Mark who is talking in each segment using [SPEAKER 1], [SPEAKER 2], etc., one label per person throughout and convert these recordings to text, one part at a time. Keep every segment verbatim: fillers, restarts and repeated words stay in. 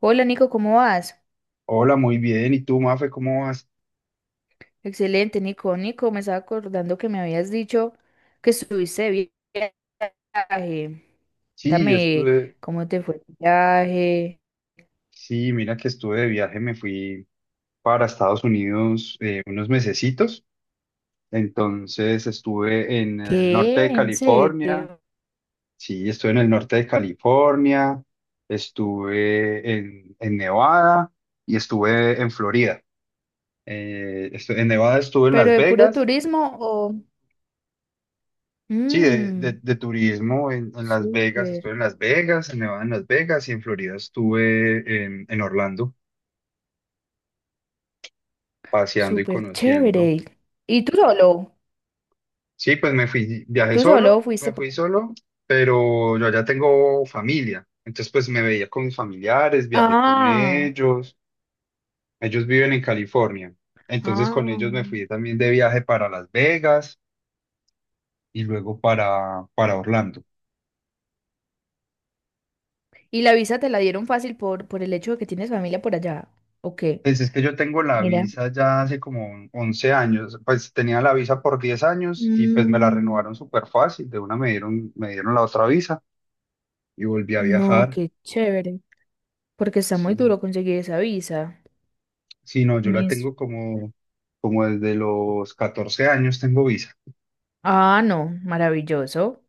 [SPEAKER 1] Hola Nico, ¿cómo vas?
[SPEAKER 2] Hola, muy bien. ¿Y tú, Mafe, cómo vas?
[SPEAKER 1] Excelente, Nico. Nico, me estaba acordando que me habías dicho que estuviste de vi- viaje.
[SPEAKER 2] Sí, yo
[SPEAKER 1] Cuéntame
[SPEAKER 2] estuve.
[SPEAKER 1] cómo te fue el viaje.
[SPEAKER 2] Sí, mira que estuve de viaje, me fui para Estados Unidos eh, unos mesecitos. Entonces estuve en el norte
[SPEAKER 1] ¿Qué?
[SPEAKER 2] de
[SPEAKER 1] ¿En
[SPEAKER 2] California.
[SPEAKER 1] serio?
[SPEAKER 2] Sí, estuve en el norte de California, estuve en, en Nevada y estuve en Florida. Eh, estu- en Nevada estuve en
[SPEAKER 1] ¿Pero
[SPEAKER 2] Las
[SPEAKER 1] de puro
[SPEAKER 2] Vegas.
[SPEAKER 1] turismo o...?
[SPEAKER 2] Sí, de, de-
[SPEAKER 1] Mmm,
[SPEAKER 2] de turismo en, en Las Vegas,
[SPEAKER 1] súper,
[SPEAKER 2] estuve en Las Vegas, en Nevada en Las Vegas y en Florida estuve en en Orlando. Paseando y
[SPEAKER 1] súper
[SPEAKER 2] conociendo.
[SPEAKER 1] chévere. ¿Y tú solo?
[SPEAKER 2] Sí, pues me fui, viajé
[SPEAKER 1] ¿Tú solo
[SPEAKER 2] solo,
[SPEAKER 1] fuiste
[SPEAKER 2] me
[SPEAKER 1] por...
[SPEAKER 2] fui solo, pero yo ya tengo familia. Entonces, pues me veía con mis familiares, viajé con
[SPEAKER 1] Ah,
[SPEAKER 2] ellos. Ellos viven en California. Entonces, con
[SPEAKER 1] ah.
[SPEAKER 2] ellos me fui también de viaje para Las Vegas y luego para, para Orlando.
[SPEAKER 1] ¿Y la visa te la dieron fácil por, por el hecho de que tienes familia por allá? ¿O qué?
[SPEAKER 2] Pues es que yo tengo la
[SPEAKER 1] Mira.
[SPEAKER 2] visa ya hace como un- once años, pues tenía la visa por diez años y pues me la
[SPEAKER 1] Mm.
[SPEAKER 2] renovaron súper fácil, de una me dieron, me dieron la otra visa y volví a
[SPEAKER 1] No,
[SPEAKER 2] viajar.
[SPEAKER 1] qué chévere, porque está muy
[SPEAKER 2] Sí.
[SPEAKER 1] duro conseguir esa visa.
[SPEAKER 2] Sí, no, yo la
[SPEAKER 1] Mis...
[SPEAKER 2] tengo como, como desde los catorce años tengo visa.
[SPEAKER 1] Ah, no, maravilloso.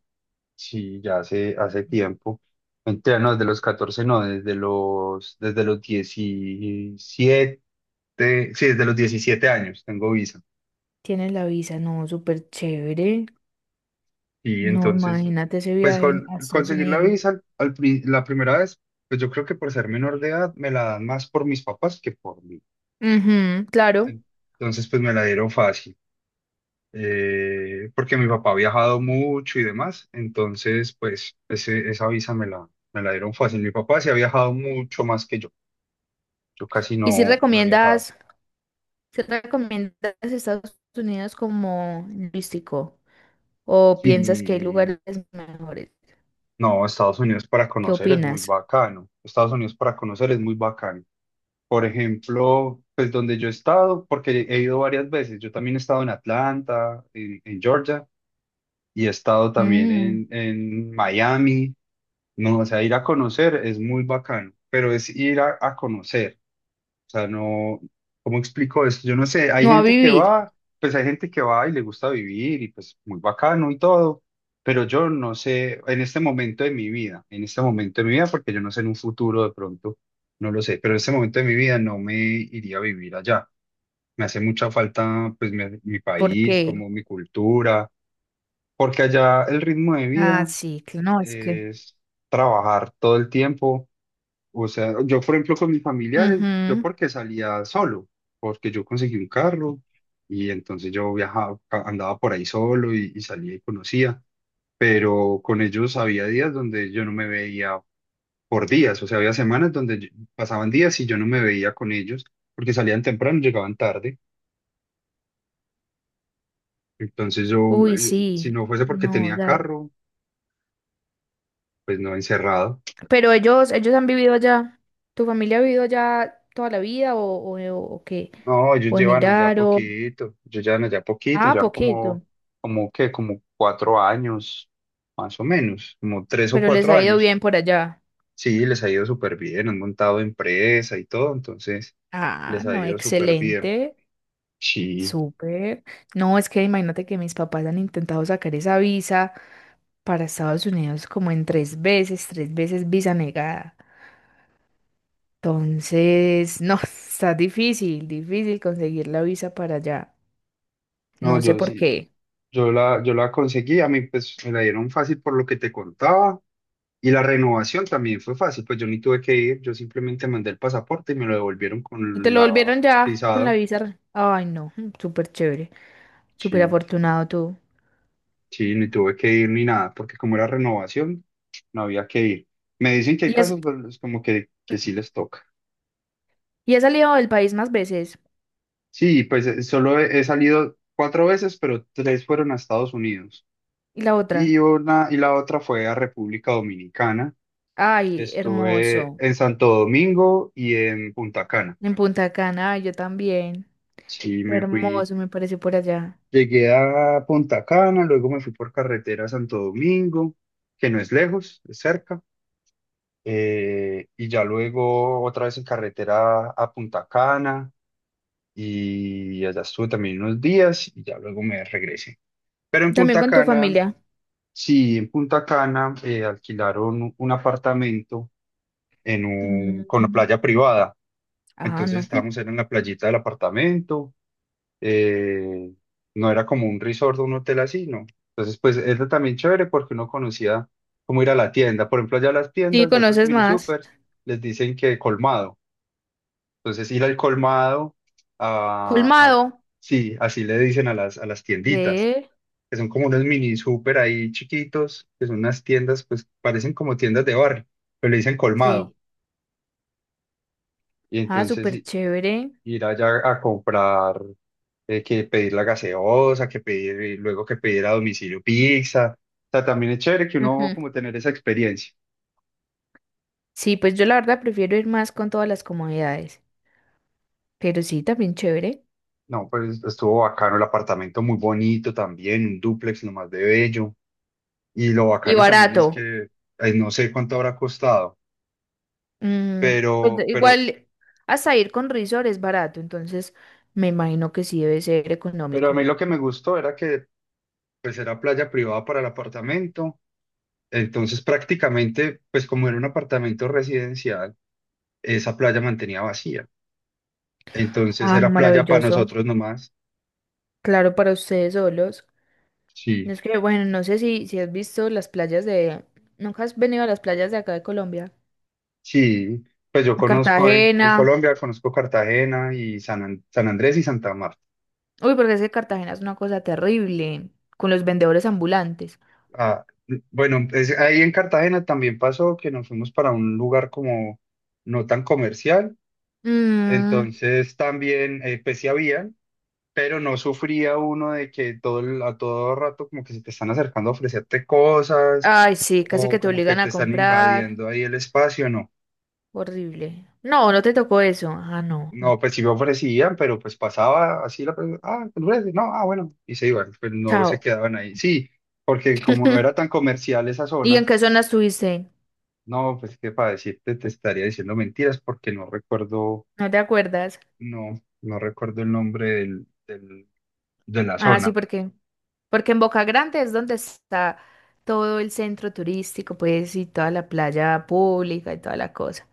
[SPEAKER 2] Sí, ya hace, hace tiempo. Mentira, no, desde los catorce no, desde los, desde los diecisiete sí, desde los diecisiete años tengo visa.
[SPEAKER 1] Tienes la visa, no, súper chévere.
[SPEAKER 2] Y
[SPEAKER 1] No,
[SPEAKER 2] entonces,
[SPEAKER 1] imagínate ese
[SPEAKER 2] pues
[SPEAKER 1] viaje
[SPEAKER 2] con,
[SPEAKER 1] a Estados
[SPEAKER 2] conseguir la
[SPEAKER 1] Unidos.
[SPEAKER 2] visa al- al pri- la primera vez, pues yo creo que por ser menor de edad me la dan más por mis papás que por mí.
[SPEAKER 1] Ujú, claro.
[SPEAKER 2] Entonces, pues me la dieron fácil. Eh, porque mi papá ha viajado mucho y demás, entonces pues ese- esa visa me la, me la dieron fácil. Mi papá sí ha viajado mucho más que yo, yo casi
[SPEAKER 1] ¿Y si
[SPEAKER 2] no, no he viajado.
[SPEAKER 1] recomiendas, si recomiendas Estados Unidos como turístico o piensas que hay
[SPEAKER 2] Y
[SPEAKER 1] lugares mejores?
[SPEAKER 2] no, Estados Unidos para
[SPEAKER 1] ¿Qué
[SPEAKER 2] conocer es muy
[SPEAKER 1] opinas?
[SPEAKER 2] bacano, Estados Unidos para conocer es muy bacano. Por ejemplo, pues donde yo he estado, porque he ido varias veces, yo también he estado en Atlanta, en, en Georgia, y he estado también
[SPEAKER 1] Mm,
[SPEAKER 2] en, en Miami. No, o sea, ir a conocer es muy bacano, pero es ir a, a conocer. O sea, no, ¿cómo explico esto? Yo no sé, hay
[SPEAKER 1] no a
[SPEAKER 2] gente que
[SPEAKER 1] vivir,
[SPEAKER 2] va, pues hay gente que va y le gusta vivir y pues muy bacano y todo, pero yo no sé en este momento de mi vida, en este momento de mi vida, porque yo no sé en un futuro de pronto, no lo sé, pero en este momento de mi vida no me iría a vivir allá. Me hace mucha falta pues mi, mi
[SPEAKER 1] ¿por
[SPEAKER 2] país,
[SPEAKER 1] qué?
[SPEAKER 2] como mi cultura, porque allá el ritmo de
[SPEAKER 1] Ah,
[SPEAKER 2] vida
[SPEAKER 1] sí, que no, es que...
[SPEAKER 2] es trabajar todo el tiempo. O sea, yo por ejemplo con mis familiares, yo
[SPEAKER 1] Ujú.
[SPEAKER 2] porque salía solo, porque yo conseguí un carro y entonces yo viajaba, a- andaba por ahí solo y, y salía y conocía, pero con ellos había días donde yo no me veía por días, o sea, había semanas donde yo- pasaban días y yo no me veía con ellos porque salían temprano, llegaban tarde, entonces yo,
[SPEAKER 1] Uy,
[SPEAKER 2] eh, si
[SPEAKER 1] sí,
[SPEAKER 2] no fuese porque
[SPEAKER 1] no,
[SPEAKER 2] tenía
[SPEAKER 1] ya-
[SPEAKER 2] carro, pues no encerrado.
[SPEAKER 1] Pero ellos, ellos han vivido allá. ¿Tu familia ha vivido allá toda la vida o, o, o qué?
[SPEAKER 2] No, ellos
[SPEAKER 1] ¿O
[SPEAKER 2] llevan allá
[SPEAKER 1] emigraron?
[SPEAKER 2] poquito, ellos llevan allá poquito,
[SPEAKER 1] Ah,
[SPEAKER 2] llevan como,
[SPEAKER 1] poquito.
[SPEAKER 2] como que, como cuatro años, más o menos, como tres o
[SPEAKER 1] Pero les
[SPEAKER 2] cuatro
[SPEAKER 1] ha ido
[SPEAKER 2] años.
[SPEAKER 1] bien por allá.
[SPEAKER 2] Sí, les ha ido súper bien, han montado empresa y todo, entonces
[SPEAKER 1] Ah,
[SPEAKER 2] les ha
[SPEAKER 1] no,
[SPEAKER 2] ido súper bien.
[SPEAKER 1] excelente.
[SPEAKER 2] Sí,
[SPEAKER 1] Súper. No, es que imagínate que mis papás han intentado sacar esa visa para Estados Unidos como en tres veces, tres veces visa negada. Entonces, no, está difícil, difícil conseguir la visa para allá.
[SPEAKER 2] no,
[SPEAKER 1] No sé
[SPEAKER 2] yo
[SPEAKER 1] por
[SPEAKER 2] sí,
[SPEAKER 1] qué.
[SPEAKER 2] yo la, yo la conseguí, a mí pues me la dieron fácil por lo que te contaba, y la renovación también fue fácil, pues yo ni tuve que ir, yo simplemente mandé el pasaporte y me lo devolvieron
[SPEAKER 1] Y te
[SPEAKER 2] con
[SPEAKER 1] lo
[SPEAKER 2] la
[SPEAKER 1] volvieron ya con la
[SPEAKER 2] visado.
[SPEAKER 1] visa. Ay, no, mm, súper chévere, súper
[SPEAKER 2] Sí.
[SPEAKER 1] afortunado tú.
[SPEAKER 2] Sí, ni tuve que ir ni nada, porque como era renovación, no había que ir. Me dicen que
[SPEAKER 1] Y
[SPEAKER 2] hay
[SPEAKER 1] has,
[SPEAKER 2] casos pues, como que, que, sí les toca.
[SPEAKER 1] y has salido del país más veces.
[SPEAKER 2] Sí, pues eh, solo he, he salido cuatro veces, pero tres fueron a Estados Unidos.
[SPEAKER 1] Y la
[SPEAKER 2] Y
[SPEAKER 1] otra,
[SPEAKER 2] una, y la otra fue a República Dominicana.
[SPEAKER 1] ay,
[SPEAKER 2] Estuve
[SPEAKER 1] hermoso.
[SPEAKER 2] en Santo Domingo y en Punta Cana.
[SPEAKER 1] En Punta Cana, ay, yo también.
[SPEAKER 2] Sí, me fui,
[SPEAKER 1] Hermoso, me parece por allá.
[SPEAKER 2] llegué a Punta Cana, luego me fui por carretera a Santo Domingo, que no es lejos, es cerca. Eh, y ya luego otra vez en carretera a Punta Cana y allá estuve también unos días y ya luego me regresé. Pero en
[SPEAKER 1] También
[SPEAKER 2] Punta
[SPEAKER 1] con tu
[SPEAKER 2] Cana,
[SPEAKER 1] familia.
[SPEAKER 2] sí, en Punta Cana, eh, alquilaron un apartamento en un, con una
[SPEAKER 1] Mm,
[SPEAKER 2] playa privada.
[SPEAKER 1] Ah,
[SPEAKER 2] Entonces
[SPEAKER 1] no.
[SPEAKER 2] estábamos era en la playita del apartamento, eh, no era como un resort o un hotel así, ¿no? Entonces pues era también chévere porque uno conocía cómo ir a la tienda. Por ejemplo, allá las
[SPEAKER 1] Sí,
[SPEAKER 2] tiendas, a esos
[SPEAKER 1] conoces
[SPEAKER 2] mini
[SPEAKER 1] más.
[SPEAKER 2] supers, les dicen que colmado. Entonces ir al colmado, a, a-
[SPEAKER 1] Colmado.
[SPEAKER 2] sí, así le dicen a las, a las tienditas,
[SPEAKER 1] Ve.
[SPEAKER 2] que son como unos mini super ahí chiquitos, que son unas tiendas, pues parecen como tiendas de barrio, pero le dicen colmado.
[SPEAKER 1] Sí.
[SPEAKER 2] Y
[SPEAKER 1] Ah,
[SPEAKER 2] entonces
[SPEAKER 1] súper
[SPEAKER 2] i-
[SPEAKER 1] chévere.
[SPEAKER 2] ir allá a comprar, eh, que pedir la gaseosa, que pedir, y luego que pedir a domicilio pizza. O sea, también es chévere que uno
[SPEAKER 1] Ujú.
[SPEAKER 2] como tener esa experiencia.
[SPEAKER 1] Sí, pues yo la verdad prefiero ir más con todas las comodidades. Pero sí, también chévere.
[SPEAKER 2] No, pues estuvo bacano el apartamento, muy bonito también, un dúplex nomás de bello. Y lo
[SPEAKER 1] Y
[SPEAKER 2] bacano también es
[SPEAKER 1] barato.
[SPEAKER 2] que ay, no sé cuánto habrá costado,
[SPEAKER 1] Mm, pues
[SPEAKER 2] pero, pero,
[SPEAKER 1] igual hasta ir con resort es barato, entonces me imagino que sí debe ser
[SPEAKER 2] pero a
[SPEAKER 1] económico.
[SPEAKER 2] mí lo que me gustó era que pues era playa privada para el apartamento, entonces prácticamente pues como era un apartamento residencial, esa playa mantenía vacía, entonces
[SPEAKER 1] Ah, no,
[SPEAKER 2] era playa para
[SPEAKER 1] maravilloso.
[SPEAKER 2] nosotros nomás.
[SPEAKER 1] Claro, para ustedes solos. No
[SPEAKER 2] Sí,
[SPEAKER 1] es que, bueno, no sé si, si has visto las playas de... ¿Nunca has venido a las playas de acá de Colombia?
[SPEAKER 2] sí, pues yo
[SPEAKER 1] A
[SPEAKER 2] conozco en, en
[SPEAKER 1] Cartagena.
[SPEAKER 2] Colombia, conozco Cartagena y San, An- San Andrés y Santa Marta.
[SPEAKER 1] Uy, porque es que Cartagena es una cosa terrible con los vendedores ambulantes.
[SPEAKER 2] Ah, bueno, es- ahí en Cartagena también pasó que nos fuimos para un lugar como no tan comercial,
[SPEAKER 1] Mm,
[SPEAKER 2] entonces también, eh, pues sí habían, pero no sufría uno de que todo el- a todo rato como que se te están acercando a ofrecerte cosas
[SPEAKER 1] ay, sí, casi
[SPEAKER 2] o
[SPEAKER 1] que te
[SPEAKER 2] como que
[SPEAKER 1] obligan
[SPEAKER 2] te
[SPEAKER 1] a
[SPEAKER 2] están
[SPEAKER 1] comprar.
[SPEAKER 2] invadiendo ahí el espacio, no.
[SPEAKER 1] Horrible. No, no te tocó eso. Ah, no.
[SPEAKER 2] No, pues sí me ofrecían, pero pues pasaba así la persona, ah, ¿te ofrece? No, ah, bueno, y se iban, pues no se
[SPEAKER 1] Chao.
[SPEAKER 2] quedaban ahí. Sí, porque como no era tan comercial esa
[SPEAKER 1] ¿Y en
[SPEAKER 2] zona.
[SPEAKER 1] qué zona estuviste?
[SPEAKER 2] No, pues que para decirte te estaría diciendo mentiras porque no recuerdo,
[SPEAKER 1] ¿No te acuerdas?
[SPEAKER 2] no, no recuerdo el nombre del, del- de la
[SPEAKER 1] Ah, sí,
[SPEAKER 2] zona.
[SPEAKER 1] porque porque en Boca Grande es donde está todo el centro turístico, pues, y toda la playa pública y toda la cosa.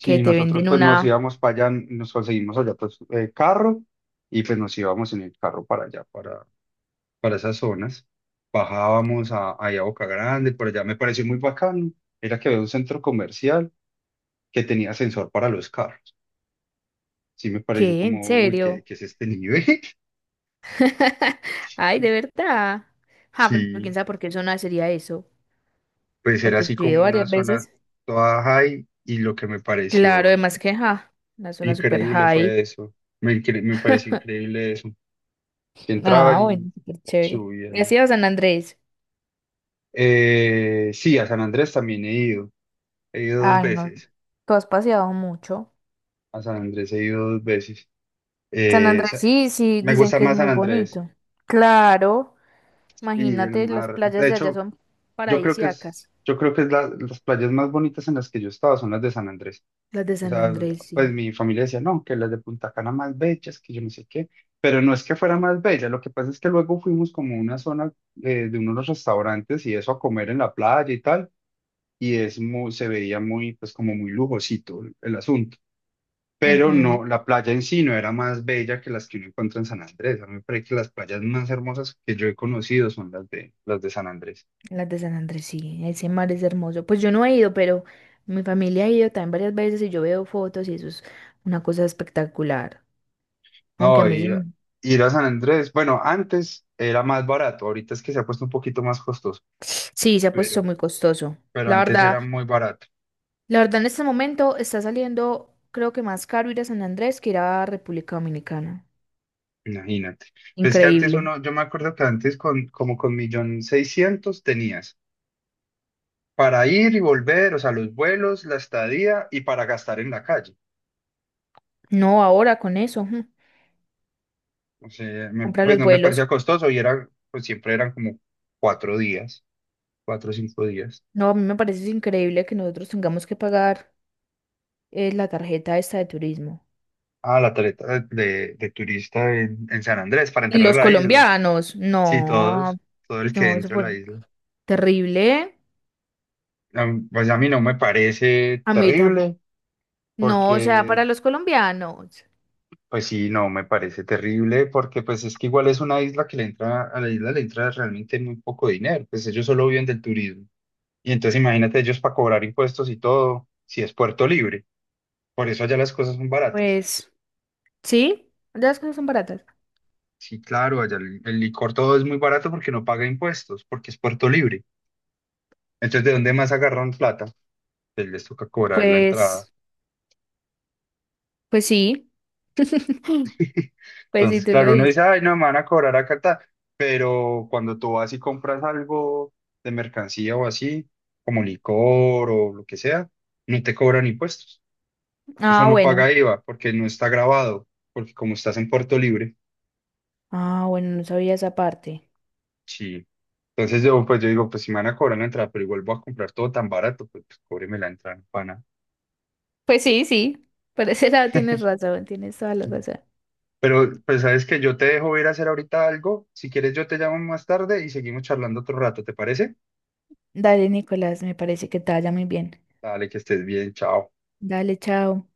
[SPEAKER 1] Que te
[SPEAKER 2] nosotros
[SPEAKER 1] venden
[SPEAKER 2] pues
[SPEAKER 1] una...
[SPEAKER 2] nos íbamos para allá, nos conseguimos allá pues eh, carro y pues nos íbamos en el carro para allá, para, para esas zonas. Bajábamos a, ahí a Boca Grande, por allá me pareció muy bacano. Era que había un centro comercial que tenía sensor para los carros. Sí, me pareció
[SPEAKER 1] ¿Qué? ¿En
[SPEAKER 2] como, uy, ¿qué,
[SPEAKER 1] serio?
[SPEAKER 2] qué es este nivel?
[SPEAKER 1] Ay, de verdad. Ah, pero
[SPEAKER 2] Sí.
[SPEAKER 1] quién sabe por qué zona sería eso.
[SPEAKER 2] Pues era
[SPEAKER 1] Porque
[SPEAKER 2] así
[SPEAKER 1] yo he ido
[SPEAKER 2] como una
[SPEAKER 1] varias
[SPEAKER 2] zona
[SPEAKER 1] veces.
[SPEAKER 2] toda high y lo que me
[SPEAKER 1] Claro,
[SPEAKER 2] pareció i-
[SPEAKER 1] además que, ja, una zona super
[SPEAKER 2] increíble
[SPEAKER 1] high.
[SPEAKER 2] fue eso. Me, incre- me pareció increíble eso. Entraban
[SPEAKER 1] Ah, bueno,
[SPEAKER 2] y
[SPEAKER 1] súper chévere. ¿Y has
[SPEAKER 2] subían.
[SPEAKER 1] ido a San Andrés?
[SPEAKER 2] Eh, sí, a San Andrés también he ido. He ido dos
[SPEAKER 1] Ay, no.
[SPEAKER 2] veces.
[SPEAKER 1] Tú has paseado mucho.
[SPEAKER 2] A San Andrés he ido dos veces.
[SPEAKER 1] San
[SPEAKER 2] Eh,
[SPEAKER 1] Andrés,
[SPEAKER 2] sa-
[SPEAKER 1] sí, sí,
[SPEAKER 2] Me
[SPEAKER 1] dicen
[SPEAKER 2] gusta
[SPEAKER 1] que es
[SPEAKER 2] más
[SPEAKER 1] muy
[SPEAKER 2] San Andrés
[SPEAKER 1] bonito. Claro,
[SPEAKER 2] y el
[SPEAKER 1] imagínate, las
[SPEAKER 2] mar.
[SPEAKER 1] playas
[SPEAKER 2] De
[SPEAKER 1] de allá
[SPEAKER 2] hecho,
[SPEAKER 1] son
[SPEAKER 2] yo creo que es,
[SPEAKER 1] paradisíacas.
[SPEAKER 2] yo creo que es la- las playas más bonitas en las que yo he estado son las de San Andrés.
[SPEAKER 1] Las de
[SPEAKER 2] O
[SPEAKER 1] San
[SPEAKER 2] sea,
[SPEAKER 1] Andrés,
[SPEAKER 2] pues
[SPEAKER 1] sí.
[SPEAKER 2] mi familia decía, no, que las de Punta Cana más bellas, que yo no sé qué, pero no es que fuera más bella, lo que pasa es que luego fuimos como a una zona eh, de unos restaurantes y eso a comer en la playa y tal, y es muy, se veía muy, pues como muy lujosito el, el asunto, pero
[SPEAKER 1] Ujú,
[SPEAKER 2] no, la playa en sí no era más bella que las que uno encuentra en San Andrés, a mí me parece que las playas más hermosas que yo he conocido son las de, las de San Andrés.
[SPEAKER 1] las de San Andrés, sí. Ese mar es hermoso. Pues yo no he ido, pero mi familia ha ido también varias veces y yo veo fotos y eso es una cosa espectacular. Aunque a
[SPEAKER 2] No,
[SPEAKER 1] mí sí,
[SPEAKER 2] ir, a-
[SPEAKER 1] m-
[SPEAKER 2] ir a San Andrés, bueno, antes era más barato, ahorita es que se ha puesto un poquito más costoso.
[SPEAKER 1] sí se ha puesto
[SPEAKER 2] Pero
[SPEAKER 1] muy costoso.
[SPEAKER 2] pero
[SPEAKER 1] La
[SPEAKER 2] antes
[SPEAKER 1] verdad,
[SPEAKER 2] era muy barato,
[SPEAKER 1] la verdad en este momento está saliendo, creo que más caro ir a San Andrés que ir a República Dominicana.
[SPEAKER 2] imagínate. Pues es que antes
[SPEAKER 1] Increíble.
[SPEAKER 2] uno, yo me acuerdo que antes con como con millón seiscientos tenías para ir y volver, o sea, los vuelos, la estadía y para gastar en la calle.
[SPEAKER 1] No, ahora con eso. Ujú,
[SPEAKER 2] O sea, me-
[SPEAKER 1] compra
[SPEAKER 2] pues
[SPEAKER 1] los
[SPEAKER 2] no me parecía
[SPEAKER 1] vuelos.
[SPEAKER 2] costoso y era, pues siempre eran como cuatro días, cuatro o cinco días.
[SPEAKER 1] No, a mí me parece increíble que nosotros tengamos que pagar eh, la tarjeta esta de turismo.
[SPEAKER 2] Ah, la tarjeta de, de turista en, en San Andrés para
[SPEAKER 1] Y
[SPEAKER 2] entrar a
[SPEAKER 1] los
[SPEAKER 2] la isla.
[SPEAKER 1] colombianos,
[SPEAKER 2] Sí,
[SPEAKER 1] no,
[SPEAKER 2] todos, todo el que
[SPEAKER 1] no, eso
[SPEAKER 2] entra a la
[SPEAKER 1] fue
[SPEAKER 2] isla.
[SPEAKER 1] terrible.
[SPEAKER 2] A mí- Pues a mí no me parece
[SPEAKER 1] A mí tam-
[SPEAKER 2] terrible
[SPEAKER 1] no, o sea, para
[SPEAKER 2] porque
[SPEAKER 1] los colombianos,
[SPEAKER 2] pues sí, no, me parece terrible porque pues es que igual es una isla que le entra, a la isla le entra realmente muy poco dinero, pues ellos solo viven del turismo. Y entonces imagínate ellos para cobrar impuestos y todo, si es Puerto Libre, por eso allá las cosas son baratas.
[SPEAKER 1] pues sí, las cosas son baratas.
[SPEAKER 2] Sí, claro, allá el, el licor todo es muy barato porque no paga impuestos, porque es Puerto Libre. Entonces, ¿de dónde más agarran plata? Pues les toca cobrar la entrada.
[SPEAKER 1] Pues, pues sí, pues sí,
[SPEAKER 2] Entonces,
[SPEAKER 1] tú lo
[SPEAKER 2] claro, uno dice,
[SPEAKER 1] dices.
[SPEAKER 2] ay, no, me van a cobrar acá, ta". Pero cuando tú vas y compras algo de mercancía o así, como licor o lo que sea, no te cobran impuestos. Eso
[SPEAKER 1] Ah,
[SPEAKER 2] no
[SPEAKER 1] bueno,
[SPEAKER 2] paga IVA porque no está grabado, porque como estás en Puerto Libre,
[SPEAKER 1] ah, bueno, no sabía esa parte.
[SPEAKER 2] sí. Entonces yo, pues yo digo, pues si me van a cobrar la entrada, pero igual voy a comprar todo tan barato, pues, pues cóbreme la entrada, no pana.
[SPEAKER 1] Pues sí, sí, por ese lado tienes razón, tienes toda la razón.
[SPEAKER 2] Pero pues sabes que yo te dejo ir a hacer ahorita algo. Si quieres, yo te llamo más tarde y seguimos charlando otro rato, ¿te parece?
[SPEAKER 1] Dale, Nicolás, me parece que te vaya muy bien.
[SPEAKER 2] Dale, que estés bien, chao.
[SPEAKER 1] Dale, chao.